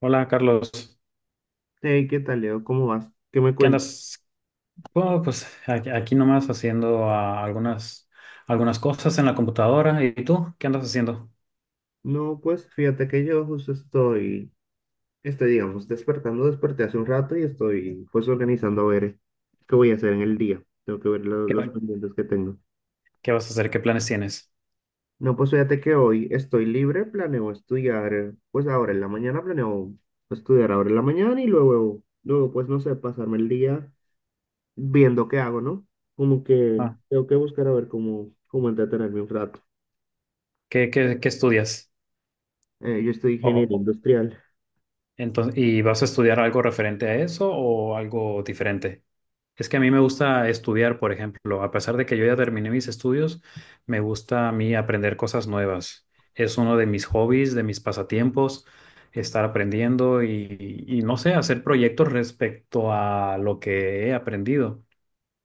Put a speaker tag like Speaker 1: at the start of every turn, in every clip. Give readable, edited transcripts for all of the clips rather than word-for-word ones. Speaker 1: Hola Carlos,
Speaker 2: Hey, ¿qué tal, Leo? ¿Cómo vas? ¿Qué me
Speaker 1: ¿qué
Speaker 2: cuentas?
Speaker 1: andas? Bueno, pues aquí nomás haciendo algunas cosas en la computadora. ¿Y tú qué andas haciendo?
Speaker 2: No, pues fíjate que yo justo estoy, este, digamos, despertando, desperté hace un rato y estoy pues organizando a ver qué voy a hacer en el día. Tengo que ver
Speaker 1: ¿Qué,
Speaker 2: los
Speaker 1: va-
Speaker 2: pendientes que tengo.
Speaker 1: qué vas a hacer? ¿Qué planes tienes?
Speaker 2: No, pues fíjate que hoy estoy libre, planeo estudiar, pues ahora en la mañana planeo estudiar ahora en la mañana y luego, luego pues no sé, pasarme el día viendo qué hago, ¿no? Como que
Speaker 1: Ah,
Speaker 2: tengo que buscar a ver cómo, cómo entretenerme un rato.
Speaker 1: ¿Qué estudias?
Speaker 2: Yo estoy
Speaker 1: O,
Speaker 2: ingeniero
Speaker 1: o-
Speaker 2: industrial.
Speaker 1: entonces, ¿y vas a estudiar algo referente a eso o algo diferente? Es que a mí me gusta estudiar, por ejemplo, a pesar de que yo ya terminé mis estudios, me gusta a mí aprender cosas nuevas. Es uno de mis hobbies, de mis pasatiempos, estar aprendiendo y no sé, hacer proyectos respecto a lo que he aprendido.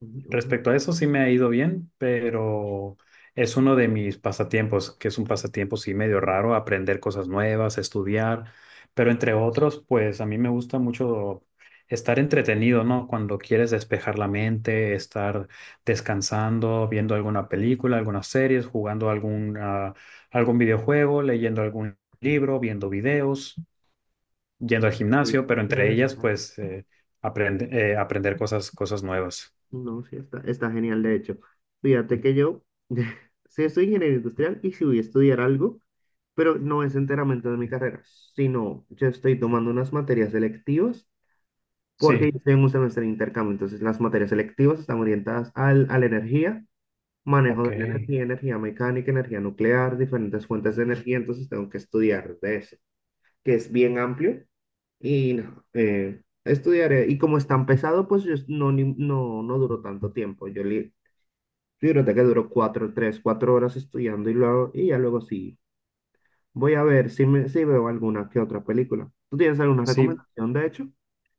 Speaker 2: Ujú.
Speaker 1: Respecto a eso, sí me ha ido bien, pero es uno de mis pasatiempos, que es un pasatiempo sí medio raro, aprender cosas nuevas, estudiar, pero entre otros, pues a mí me gusta mucho estar entretenido, ¿no? Cuando quieres despejar la mente, estar descansando, viendo alguna película, algunas series, jugando algún, algún videojuego, leyendo algún libro, viendo videos, yendo al
Speaker 2: Sí,
Speaker 1: gimnasio,
Speaker 2: o
Speaker 1: pero
Speaker 2: sea,
Speaker 1: entre ellas, pues aprender cosas, cosas nuevas.
Speaker 2: no, sí, está, está genial, de hecho. Fíjate que yo, sí, soy ingeniero industrial y sí voy a estudiar algo, pero no es enteramente de mi carrera, sino yo estoy tomando unas materias selectivas porque
Speaker 1: Sí.
Speaker 2: yo estoy en un semestre de intercambio, entonces las materias selectivas están orientadas al, a la energía, manejo
Speaker 1: Ok,
Speaker 2: de la energía, energía mecánica, energía nuclear, diferentes fuentes de energía, entonces tengo que estudiar de eso. Que es bien amplio. Y no, estudiaré. Y como es tan pesado, pues yo no, no, no duró tanto tiempo. Fíjate que duró cuatro, tres, cuatro horas estudiando y, luego, y ya luego sí. Voy a ver si, me, si veo alguna que otra película. ¿Tú tienes alguna
Speaker 1: sí,
Speaker 2: recomendación, de hecho?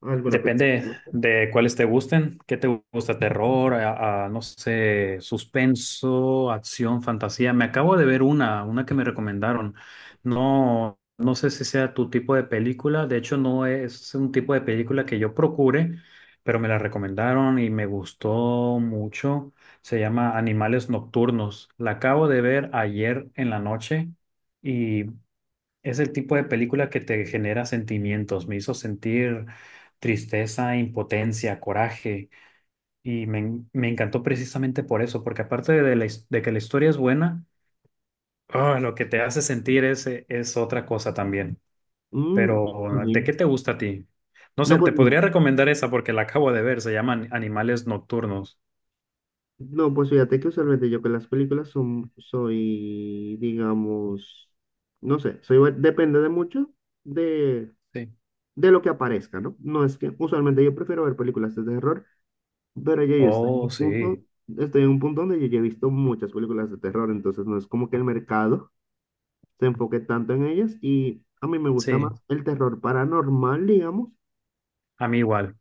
Speaker 2: ¿Alguna película?
Speaker 1: depende de cuáles te gusten. ¿Qué te gusta? Terror, no sé, suspenso, acción, fantasía. Me acabo de ver una que me recomendaron. No, no sé si sea tu tipo de película. De hecho, no es un tipo de película que yo procure, pero me la recomendaron y me gustó mucho. Se llama Animales Nocturnos. La acabo de ver ayer en la noche. Es el tipo de película que te genera sentimientos. Me hizo sentir tristeza, impotencia, coraje. Y me encantó precisamente por eso, porque aparte de que la historia es buena, lo que te hace sentir es otra cosa también.
Speaker 2: Mm,
Speaker 1: Pero, ¿de
Speaker 2: imagino.
Speaker 1: qué te gusta a ti? No
Speaker 2: No,
Speaker 1: sé,
Speaker 2: pues
Speaker 1: te
Speaker 2: mira.
Speaker 1: podría recomendar esa porque la acabo de ver. Se llaman Animales Nocturnos.
Speaker 2: No, pues fíjate que usualmente yo con las películas son, soy, digamos, no sé, soy, depende de mucho
Speaker 1: Sí.
Speaker 2: de lo que aparezca, ¿no? No es que usualmente yo prefiero ver películas de terror, pero ya yo estoy en
Speaker 1: Oh,
Speaker 2: un punto,
Speaker 1: sí,
Speaker 2: estoy en un punto donde yo ya he visto muchas películas de terror, entonces no es como que el mercado se enfoque tanto en ellas y a mí me gusta más
Speaker 1: sí,
Speaker 2: el terror paranormal, digamos,
Speaker 1: a mí igual,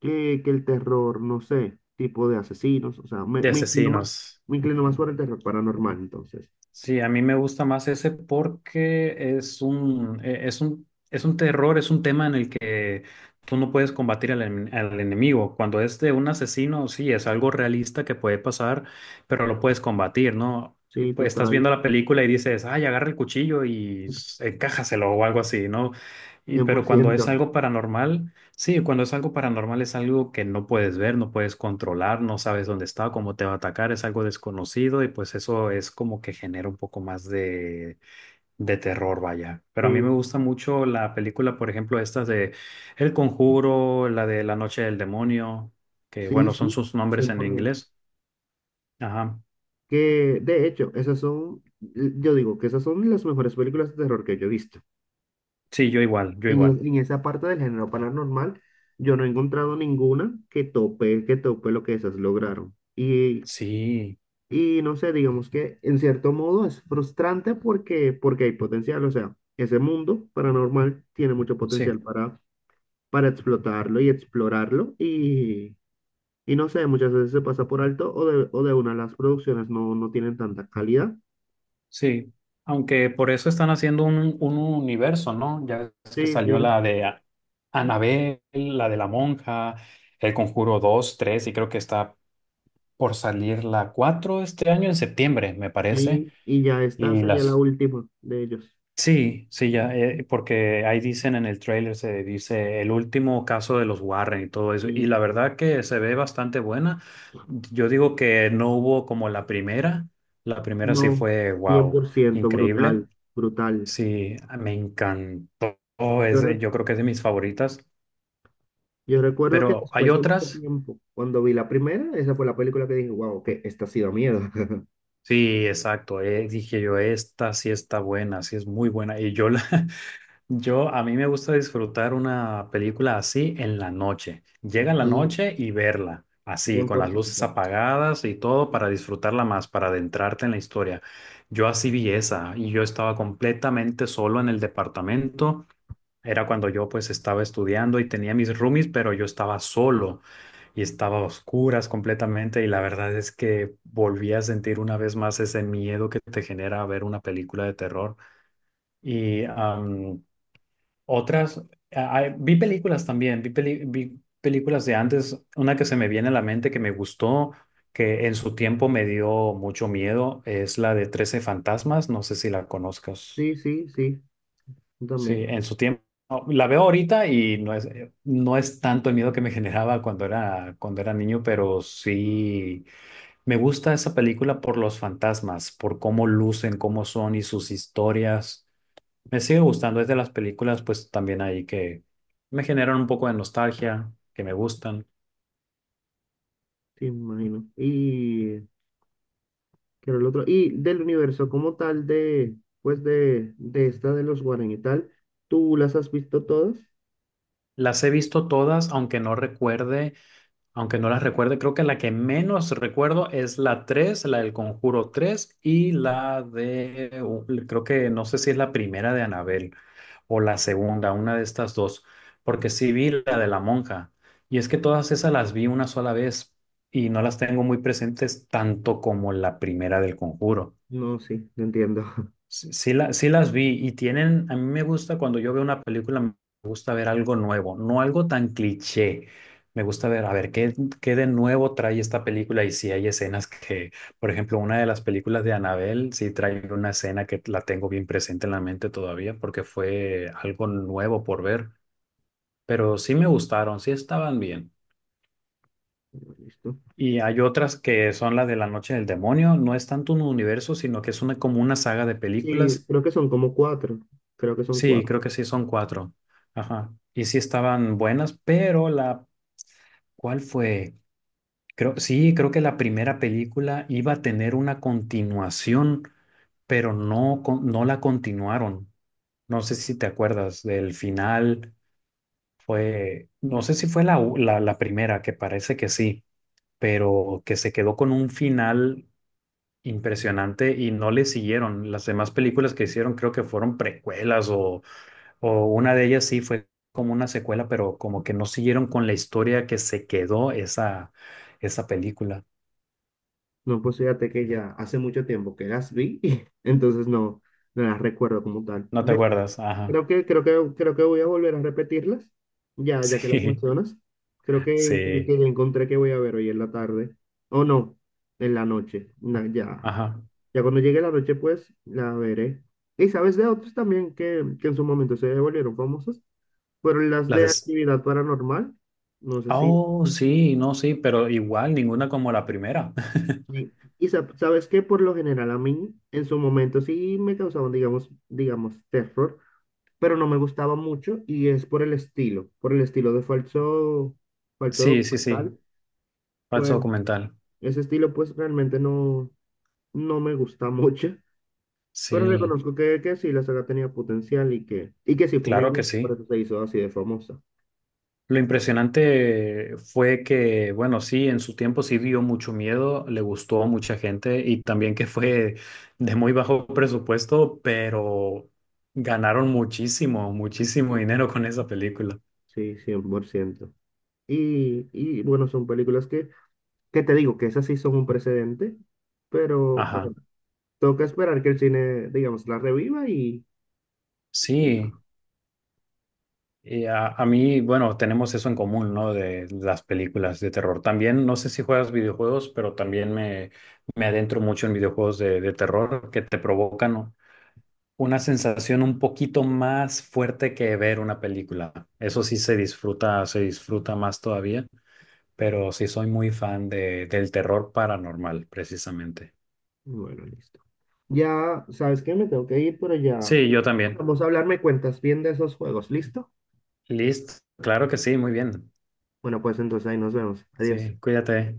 Speaker 2: que el terror, no sé, tipo de asesinos, o sea, me,
Speaker 1: de asesinos.
Speaker 2: me inclino más por el terror paranormal, entonces,
Speaker 1: Sí, a mí me gusta más ese porque es un terror, es un tema en el que tú no puedes combatir al enemigo. Cuando es de un asesino, sí, es algo realista que puede pasar, pero lo puedes combatir, ¿no? Y
Speaker 2: sí,
Speaker 1: pues estás
Speaker 2: total,
Speaker 1: viendo la película y dices, ay, agarra el cuchillo y encájaselo o algo así, ¿no? Y,
Speaker 2: cien por
Speaker 1: pero cuando es
Speaker 2: ciento
Speaker 1: algo paranormal. Sí, cuando es algo paranormal es algo que no puedes ver, no puedes controlar, no sabes dónde está, cómo te va a atacar, es algo desconocido y pues eso es como que genera un poco más de terror, vaya. Pero a mí me
Speaker 2: Sí,
Speaker 1: gusta mucho la película, por ejemplo, estas de El Conjuro, la de La Noche del Demonio, que
Speaker 2: sí,
Speaker 1: bueno, son
Speaker 2: sí,
Speaker 1: sus nombres
Speaker 2: cien
Speaker 1: en
Speaker 2: por ciento
Speaker 1: inglés. Ajá.
Speaker 2: Que de hecho, esas son, yo digo que esas son las mejores películas de terror que yo he visto.
Speaker 1: Sí, yo igual, yo
Speaker 2: En,
Speaker 1: igual.
Speaker 2: en esa parte del género paranormal, yo no he encontrado ninguna que tope lo que esas lograron.
Speaker 1: Sí,
Speaker 2: Y no sé, digamos que en cierto modo es frustrante porque, porque hay potencial. O sea, ese mundo paranormal tiene mucho potencial
Speaker 1: sí.
Speaker 2: para explotarlo y explorarlo. Y no sé, muchas veces se pasa por alto o de una las producciones no, no tienen tanta calidad.
Speaker 1: Sí, aunque por eso están haciendo un universo, ¿no? Ya es que
Speaker 2: Sí,
Speaker 1: salió
Speaker 2: sí.
Speaker 1: la de Annabelle, la de la monja, El Conjuro dos, 3 y creo que está por salir la 4 este año en septiembre, me parece.
Speaker 2: Sí, y ya esta
Speaker 1: Y
Speaker 2: sería la
Speaker 1: las.
Speaker 2: última de ellos.
Speaker 1: Sí, sí, ya, porque ahí dicen en el tráiler, se dice el último caso de los Warren y todo eso. Y
Speaker 2: Sí.
Speaker 1: la verdad que se ve bastante buena. Yo digo que no hubo como la primera. La primera sí
Speaker 2: No,
Speaker 1: fue,
Speaker 2: cien
Speaker 1: wow,
Speaker 2: por ciento
Speaker 1: increíble.
Speaker 2: brutal, brutal.
Speaker 1: Sí, me encantó.
Speaker 2: Yo,
Speaker 1: Ese, yo creo que es de mis favoritas,
Speaker 2: yo recuerdo que
Speaker 1: pero hay
Speaker 2: después de mucho
Speaker 1: otras.
Speaker 2: tiempo, cuando vi la primera, esa fue la película que dije, wow, que esta ha sido miedo.
Speaker 1: Sí, exacto. Dije yo, esta sí está buena, sí es muy buena. A mí me gusta disfrutar una película así en la noche. Llega la
Speaker 2: Sí,
Speaker 1: noche y verla, así,
Speaker 2: cien
Speaker 1: con
Speaker 2: por
Speaker 1: las luces
Speaker 2: ciento.
Speaker 1: apagadas y todo, para disfrutarla más, para adentrarte en la historia. Yo así vi esa y yo estaba completamente solo en el departamento. Era cuando yo pues estaba estudiando y tenía mis roomies, pero yo estaba solo y estaba a oscuras completamente y la verdad es que volví a sentir una vez más ese miedo que te genera ver una película de terror. Y am, otras, ah, ah, vi películas también, vi películas de antes, una que se me viene a la mente que me gustó, que en su tiempo me dio mucho miedo, es la de 13 fantasmas, no sé si la conozcas.
Speaker 2: Sí, sí, sí, yo
Speaker 1: Sí,
Speaker 2: también,
Speaker 1: en su tiempo. La veo ahorita y no es, no es tanto el miedo que me generaba cuando era niño, pero sí me gusta esa película por los fantasmas, por cómo lucen, cómo son y sus historias. Me sigue gustando, es de las películas pues también ahí que me generan un poco de nostalgia, que me gustan.
Speaker 2: sí, me imagino. Y, ¿qué era el otro? Y del universo como tal de, pues de esta de los Warren y tal, ¿tú las has visto todas?
Speaker 1: Las he visto todas, aunque no recuerde. Aunque no las recuerde, creo que la que menos recuerdo es la 3, la del Conjuro 3 y la de, creo que no sé si es la primera de Anabel o la segunda, una de estas dos, porque sí vi la de la monja. Y es que todas esas las vi una sola vez y no las tengo muy presentes tanto como la primera del Conjuro.
Speaker 2: No, sí, no entiendo.
Speaker 1: Sí, sí las vi y tienen, a mí me gusta cuando yo veo una película, me gusta ver algo nuevo, no algo tan cliché. Me gusta ver, a ver, qué de nuevo trae esta película y si hay escenas que, por ejemplo, una de las películas de Annabelle, sí trae una escena que la tengo bien presente en la mente todavía porque fue algo nuevo por ver, pero sí me gustaron, sí estaban bien.
Speaker 2: Listo.
Speaker 1: Y hay otras que son las de La Noche del Demonio, no es tanto un universo, sino que es una, como una saga de
Speaker 2: Sí,
Speaker 1: películas.
Speaker 2: creo que son como cuatro. Creo que son
Speaker 1: Sí,
Speaker 2: cuatro.
Speaker 1: creo que sí, son cuatro. Ajá. Y sí estaban buenas, pero la, ¿cuál fue? Creo, sí, creo que la primera película iba a tener una continuación, pero no, no la continuaron. No sé si te acuerdas del final, fue, no sé si fue la primera, que parece que sí, pero que se quedó con un final impresionante y no le siguieron. Las demás películas que hicieron creo que fueron precuelas. O una de ellas sí fue como una secuela, pero como que no siguieron con la historia que se quedó esa película.
Speaker 2: No, pues fíjate que ya hace mucho tiempo que las vi, entonces no, no las recuerdo como tal.
Speaker 1: ¿No te
Speaker 2: De hecho,
Speaker 1: acuerdas? Ajá.
Speaker 2: creo que, creo que, creo que voy a volver a repetirlas, ya, ya que las
Speaker 1: Sí,
Speaker 2: mencionas. Creo
Speaker 1: sí.
Speaker 2: que ya encontré que voy a ver hoy en la tarde. O no, en la noche. Ya,
Speaker 1: Ajá.
Speaker 2: ya cuando llegue la noche, pues la veré. Y sabes de otros también que en su momento se volvieron famosos, fueron las
Speaker 1: Las
Speaker 2: de
Speaker 1: des.
Speaker 2: actividad paranormal. No sé si.
Speaker 1: Oh, sí, no, sí, pero igual ninguna como la primera.
Speaker 2: Sí. Y sabes que por lo general a mí en su momento sí me causaban, digamos, digamos, terror, pero no me gustaba mucho y es por el estilo de falso, falso
Speaker 1: Sí, sí, sí.
Speaker 2: documental,
Speaker 1: Falso
Speaker 2: pues
Speaker 1: documental.
Speaker 2: ese estilo pues realmente no, no me gusta mucho, pero
Speaker 1: Sí,
Speaker 2: reconozco que sí, la saga tenía potencial y que sí fue muy
Speaker 1: claro que
Speaker 2: buena, por
Speaker 1: sí.
Speaker 2: eso se hizo así de famosa,
Speaker 1: Lo impresionante fue que, bueno, sí, en su tiempo sí dio mucho miedo, le gustó a mucha gente y también que fue de muy bajo presupuesto, pero ganaron muchísimo, muchísimo dinero con esa película.
Speaker 2: sí, 100%. Y bueno, son películas que te digo que esas sí son un precedente, pero,
Speaker 1: Ajá,
Speaker 2: tengo que esperar que el cine, digamos, la reviva y
Speaker 1: sí. Y a mí, bueno, tenemos eso en común, ¿no? De las películas de terror. También, no sé si juegas videojuegos, pero también me adentro mucho en videojuegos de terror que te provocan, ¿no? Una sensación un poquito más fuerte que ver una película. Eso sí se disfruta más todavía, pero sí soy muy fan de, del terror paranormal, precisamente.
Speaker 2: bueno, listo. Ya, ¿sabes qué? Me tengo que ir, pero ya
Speaker 1: Sí, yo también.
Speaker 2: vamos a hablar, me cuentas bien de esos juegos, ¿listo?
Speaker 1: Listo. Claro que sí, muy bien.
Speaker 2: Bueno, pues entonces ahí nos vemos. Adiós.
Speaker 1: Sí, cuídate.